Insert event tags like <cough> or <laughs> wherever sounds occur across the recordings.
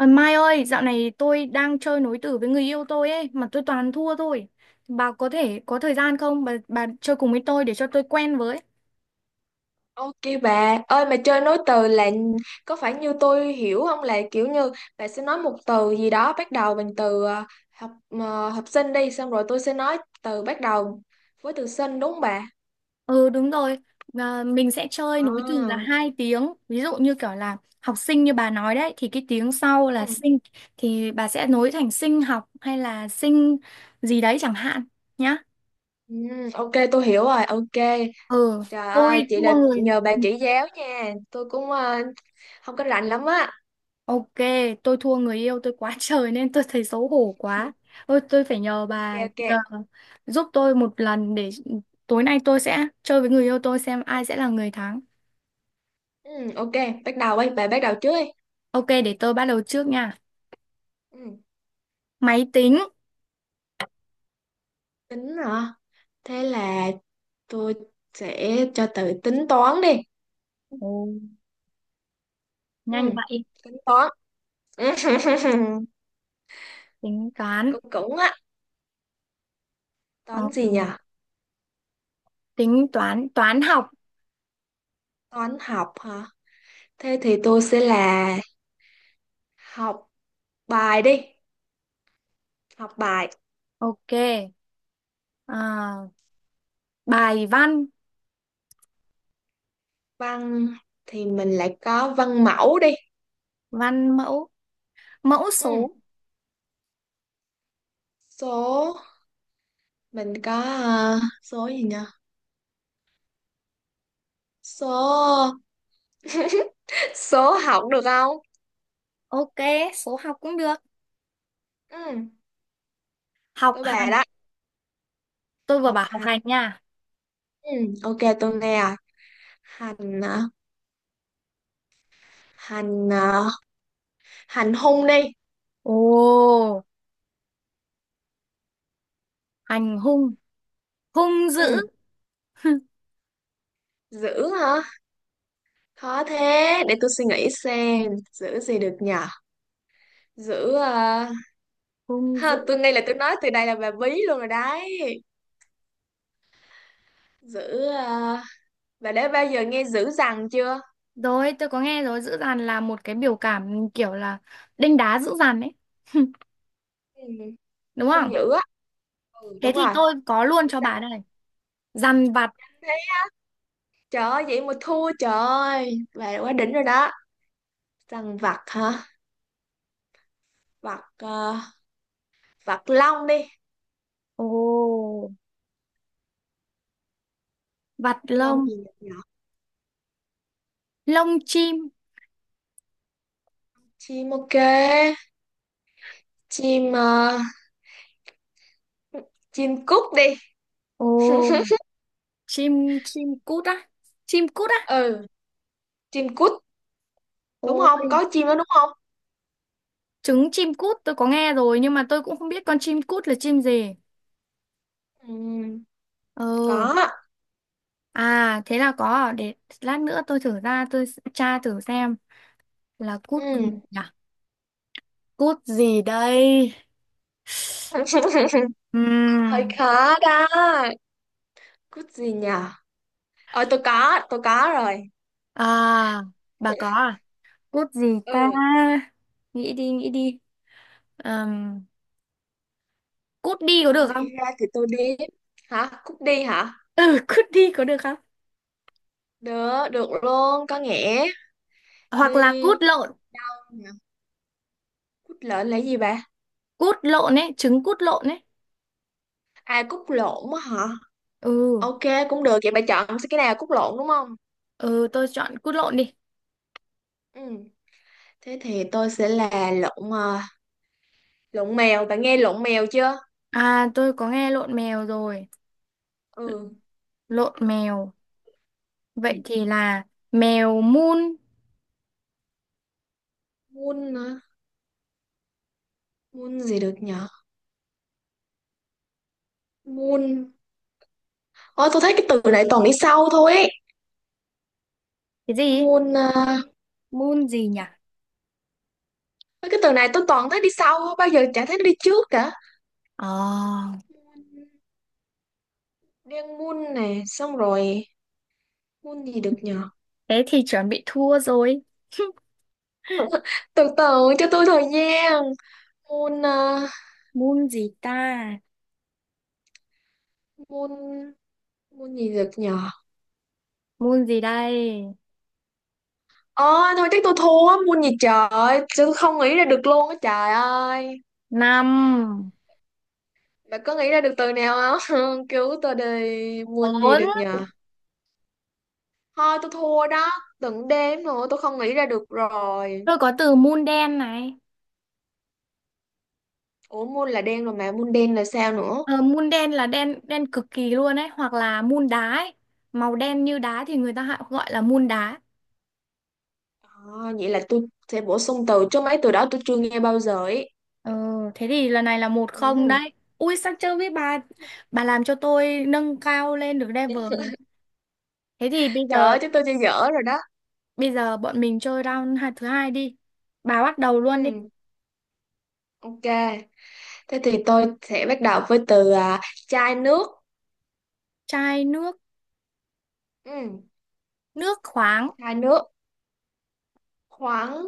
Ờ, Mai ơi, dạo này tôi đang chơi nối tử với người yêu tôi ấy, mà tôi toàn thua thôi. Bà có thể có thời gian không? Bà chơi cùng với tôi để cho tôi quen với. Ok bà, ơi mà chơi nối từ là có phải như tôi hiểu không, là kiểu như bà sẽ nói một từ gì đó bắt đầu bằng từ học sinh đi, xong rồi tôi sẽ nói từ bắt đầu với từ sinh, đúng không bà? Ừ đúng rồi, à, mình sẽ chơi nối từ là À. hai tiếng. Ví dụ như kiểu là học sinh như bà nói đấy, thì cái tiếng sau là Ừ, sinh, thì bà sẽ nối thành sinh học hay là sinh gì đấy chẳng hạn nhá. ừ, ok tôi hiểu rồi, ok. Ừ, Trời ơi, tôi chị là thua người. nhờ bà chỉ giáo nha, tôi cũng không có rành lắm á. Ok, tôi thua người yêu tôi quá <laughs> trời nên tôi thấy xấu hổ quá. Ôi, tôi phải nhờ Ok bà ok. nhờ, giúp tôi một lần để tối nay tôi sẽ chơi với người yêu tôi xem ai sẽ là người thắng. Ừ, ok, bắt đầu đi, bà bắt đầu trước đi. Ok, để tôi bắt đầu trước nha. Ừ, Máy tính. tính hả? Thế là tôi sẽ cho từ tính toán đi. Ồ, Ừ, nhanh vậy. tính toán. <laughs> Tính toán. cũng cũng á, Ờ, toán gì nhỉ? tính toán, toán học. Toán học hả? Thế thì tôi sẽ là học bài đi. Học bài Ok. À, bài văn, văn thì mình lại có văn mẫu đi. văn mẫu, mẫu Ừ, số. số. Mình có số gì nhỉ? Số <laughs> số học được không? Ok, số học cũng được. Ừ, Học tôi bà hành. đó. Tôi vừa Học bảo học hành. hành nha. Ừ, ok tôi nghe rồi. Hành hả? hành ờ, hành hung đi. Ồ, hành hung, hung dữ. Ừ, giữ hả? Khó thế, để tôi suy nghĩ xem. Giữ gì được nhở? Giữ hung ha, tôi dữ ngay là tôi nói từ đây là bà bí luôn rồi đấy. Giữ ờ, bà đã bao giờ nghe giữ rằng chưa? rồi, tôi có nghe rồi, dữ dằn là một cái biểu cảm kiểu là đanh đá dữ dằn ấy, <laughs> Ừ. đúng Hung không? dữ á. Ừ, Thế đúng thì rồi. tôi có luôn Dữ cho bà dằn. đây, dằn vặt. Thế, trời ơi vậy mà thua, trời ơi bà quá đỉnh rồi đó. Rằng vặt hả? vặt ờ, vặt long đi. Ồ, vặt Long lông, gì nhỉ? lông chim. Chim, ok. chim ờ, chim cút đi. Ồ, chim chim cút á? Chim cút á? Ừ, chim cút, Ồ, đúng không, có chim đó đúng không? trứng chim cút tôi có nghe rồi nhưng mà tôi cũng không biết con chim cút là chim gì. Ừ. Ừ, Có ạ. à thế là có, để lát nữa tôi thử ra, tra thử xem là cút Ừ. gì nhỉ? Cút gì đây? <laughs> Hơi Ừm, khó đó. Cút gì nhờ? Ờ, tôi có rồi. À, bà có à? Cút gì Ừ, ta? Nghĩ đi, nghĩ đi. Ừm, cút đi có không được không? nghĩ ra thì tôi đi. Hả? Cút đi hả? Ừ, cút đi có được không? Được, được luôn, có nghĩa. Hoặc là Đi. cút lộn. Cút lợn là gì bà? Cút lộn ấy, trứng cút lộn ấy. À, cút lộn á hả? Ừ, Ok cũng được, vậy bà chọn cái nào, cút lộn đúng không? ừ tôi chọn cút lộn đi. Ừ. Thế thì tôi sẽ là lộn à, lộn mèo, bạn nghe lộn mèo chưa? À, tôi có nghe lộn mèo rồi. Ừ. Lộn mèo. Vậy Ừ. thì là mèo mun. Muôn hả? Muôn gì được nhở? Muôn Ôi, tôi thấy cái từ này toàn đi sau thôi ấy. Cái gì? Môn à, Mun gì nhỉ? cái từ này tôi toàn thấy đi sau, không bao giờ chả thấy nó đi trước cả. Ờ, Môn- Đen môn này xong rồi, môn gì được nhờ? thế thì chuẩn bị thua rồi. <laughs> <laughs> Từ từ cho tôi thời gian. Môn à, Mun gì ta? môn môn gì được nhờ? Moon gì đây? Ờ thôi, chắc tôi thua. Môn gì trời, tôi không nghĩ ra được luôn á, trời ơi. Năm, Bạn có nghĩ ra được từ nào không? <laughs> Cứu tôi đi. Môn gì bốn. được nhờ? Thôi tôi thua đó, từng đếm rồi, tôi không nghĩ ra được rồi. Tôi có từ moon đen này. Ủa môn là đen rồi mà môn đen là sao nữa? Ờ, moon đen là đen đen cực kỳ luôn ấy, hoặc là moon đá ấy. Màu đen như đá thì người ta hay gọi là moon đá. À, vậy là tôi sẽ bổ sung từ, chứ mấy từ đó tôi chưa nghe bao giờ ấy. Ờ, thế thì lần này là một không Ừ. đấy. Ui sao chưa biết bà làm cho tôi nâng cao lên được level rồi đấy. Thế thì bây Trời giờ ơi chứ tôi chơi dở rồi đó. bây giờ bọn mình chơi thứ hai đi. Bà bắt đầu luôn đi. Ừ. Ok. Thế thì tôi sẽ bắt đầu với từ à, chai nước. Chai nước, Ừ. nước khoáng. Chai nước. Khoáng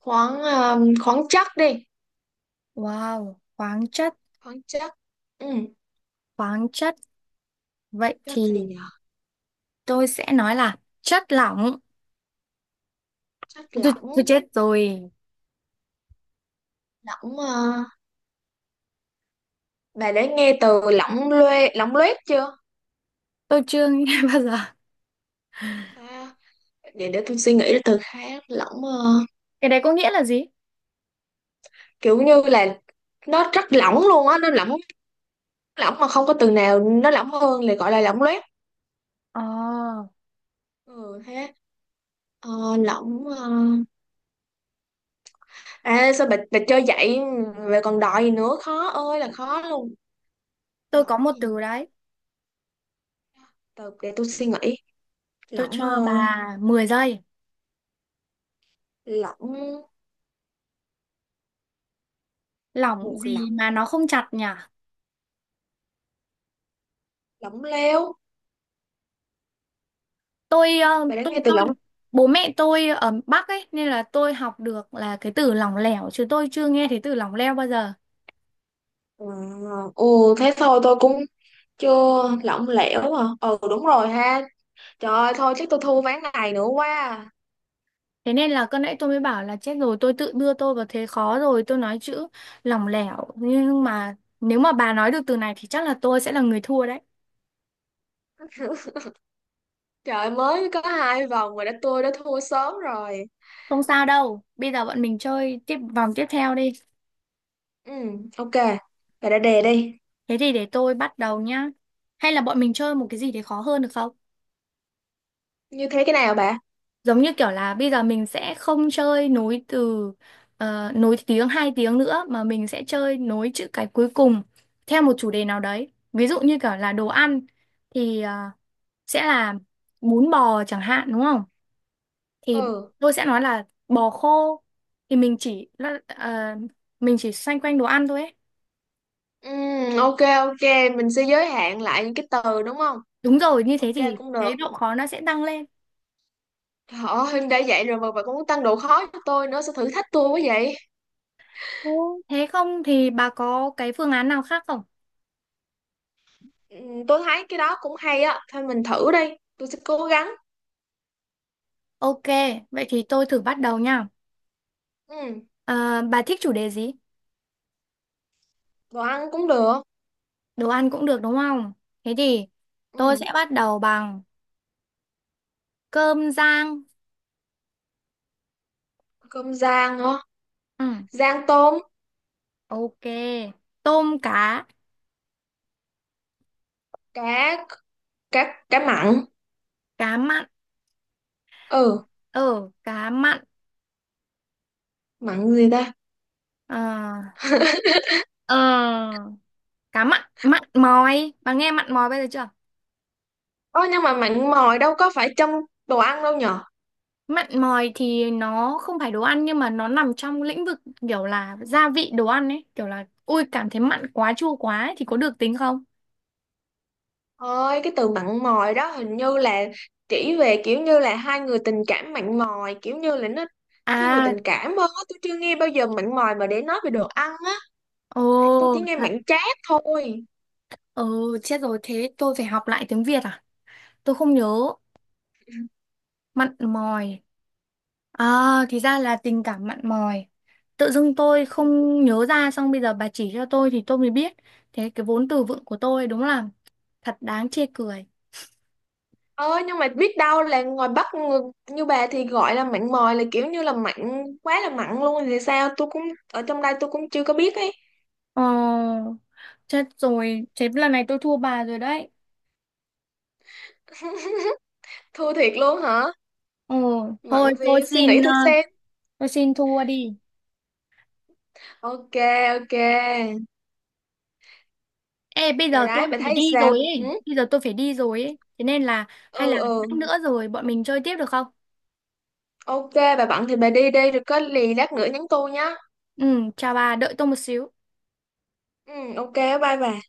khoáng khoáng chất đi. Wow, khoáng chất, Khoáng chất. Ừ. khoáng chất. Vậy Chất gì thì nhỉ? tôi sẽ nói là chất lỏng. Chất tôi, lỏng. tôi chết rồi. Lỏng à, bà đã nghe từ lỏng loe lỏng loét chưa? Tôi chưa nghe <laughs> bao giờ, À, để tôi suy nghĩ từ khác. Lỏng à, cái đấy có nghĩa là gì? kiểu như là nó rất lỏng luôn á, nó lỏng, lỏng mà không có từ nào nó lỏng hơn là gọi là lỏng loét. Ờ, Ừ thế ờ, lỏng ờ. À sao bà chơi vậy, về còn đòi gì nữa, khó ơi là khó luôn. tôi có Lỏng một gì nhỉ? từ đấy, Từ để tôi suy nghĩ. tôi Lỏng cho bà 10 giây. lỏng Lỏng một gì lỏng mà nó không chặt nhỉ? lỏng lẻo. tôi ờ, Bà đã tôi nghe từ tôi lỏng... bố mẹ tôi ở Bắc ấy nên là tôi học được là cái từ lỏng lẻo chứ tôi chưa nghe thấy từ lỏng leo bao giờ. Ờ, ừ thế thôi, tôi cũng chưa lỏng lẻo à? Ừ đúng rồi ha. Trời ơi thôi, chắc tôi thua ván này nữa quá à. Thế nên là con nãy tôi mới bảo là chết rồi, tôi tự đưa tôi vào thế khó rồi, tôi nói chữ lỏng lẻo nhưng mà nếu mà bà nói được từ này thì chắc là tôi sẽ là người thua đấy. Trời ơi, mới có hai vòng mà tôi đã thua sớm rồi. Không sao đâu, bây giờ bọn mình chơi tiếp vòng tiếp theo đi. Ừ, ok. Bà đã đề đi. Thế thì để tôi bắt đầu nhá. Hay là bọn mình chơi một cái gì để khó hơn được không? Như thế cái nào bà? Giống như kiểu là bây giờ mình sẽ không chơi nối từ, nối tiếng hai tiếng nữa mà mình sẽ chơi nối chữ cái cuối cùng theo một chủ đề nào đấy. Ví dụ như kiểu là đồ ăn thì sẽ là bún bò chẳng hạn đúng không? Thì Ừ. tôi sẽ nói là bò khô, thì mình chỉ ờ, mình chỉ xoay quanh đồ ăn thôi ấy. Ừ, ok ok, mình sẽ giới hạn lại những cái từ đúng không? Đúng rồi, như thế Ok thì cũng được. cái độ khó nó sẽ tăng lên. Trời ơi, đã vậy rồi mà bà cũng tăng độ khó cho tôi nữa, sao thử thách tôi quá vậy? Ồ, thế không thì bà có cái phương án nào khác không? Ừ, tôi thấy cái đó cũng hay á, thôi mình thử đi, tôi sẽ cố gắng. Ok, vậy thì tôi thử bắt đầu nha. Ừ, Ờ, bà thích chủ đề gì? đồ ăn cũng được. Đồ ăn cũng được đúng không? Thế thì Ừ, tôi sẽ bắt đầu bằng cơm rang. cơm rang hả? Ừ, Rang tôm, ok. Tôm cá, cá cá cá mặn. cá mặn. Ừ, Ờ, cá mặn. mặn gì ta? Ờ, <laughs> ờ, cá mặn, mặn mòi. Bà nghe mặn mòi bây giờ chưa? Ôi nhưng mà mặn mòi đâu có phải trong đồ ăn đâu nhở? Mặn mòi thì nó không phải đồ ăn nhưng mà nó nằm trong lĩnh vực kiểu là gia vị đồ ăn ấy, kiểu là ui cảm thấy mặn quá chua quá ấy, thì có được tính không? Ôi cái từ mặn mòi đó hình như là chỉ về kiểu như là hai người tình cảm mặn mòi, kiểu như là nó thiên về À, tình cảm hơn á. Tôi chưa nghe bao giờ mặn mòi mà để nói về đồ ăn á. ồ, Thì tôi chỉ nghe thật. mặn chát thôi. Ừ, chết rồi thế tôi phải học lại tiếng Việt à? Tôi không nhớ. Mặn mòi. À, thì ra là tình cảm mặn mòi. Tự dưng tôi không nhớ ra xong bây giờ bà chỉ cho tôi thì tôi mới biết. Thế cái vốn từ vựng của tôi đúng là thật đáng chê cười. Ôi nhưng mà biết đâu là ngoài Bắc người, như bà thì gọi là mặn mòi là kiểu như là mặn quá là mặn luôn thì sao, tôi cũng ở trong đây tôi cũng chưa có biết ấy. Ờ, chết rồi, thế lần này tôi thua bà rồi đấy. <laughs> Thua thiệt luôn hả? Ờ, Mặn thôi gì, tôi suy nghĩ xin thử xem. tôi xin thua đi. Ok ok. Ê, bây Rồi giờ tôi đấy, bà phải thấy đi sao? rồi Ừ, ấy. Bây giờ tôi phải đi rồi ấy. Thế nên là hay là ừ, lát ừ. nữa rồi bọn mình chơi tiếp được không? Ok, bà bận thì bà đi đi, rồi có lì lát nữa nhắn tôi nhá. Ừ, chào bà, đợi tôi một xíu. Ừ, ok, bye bà.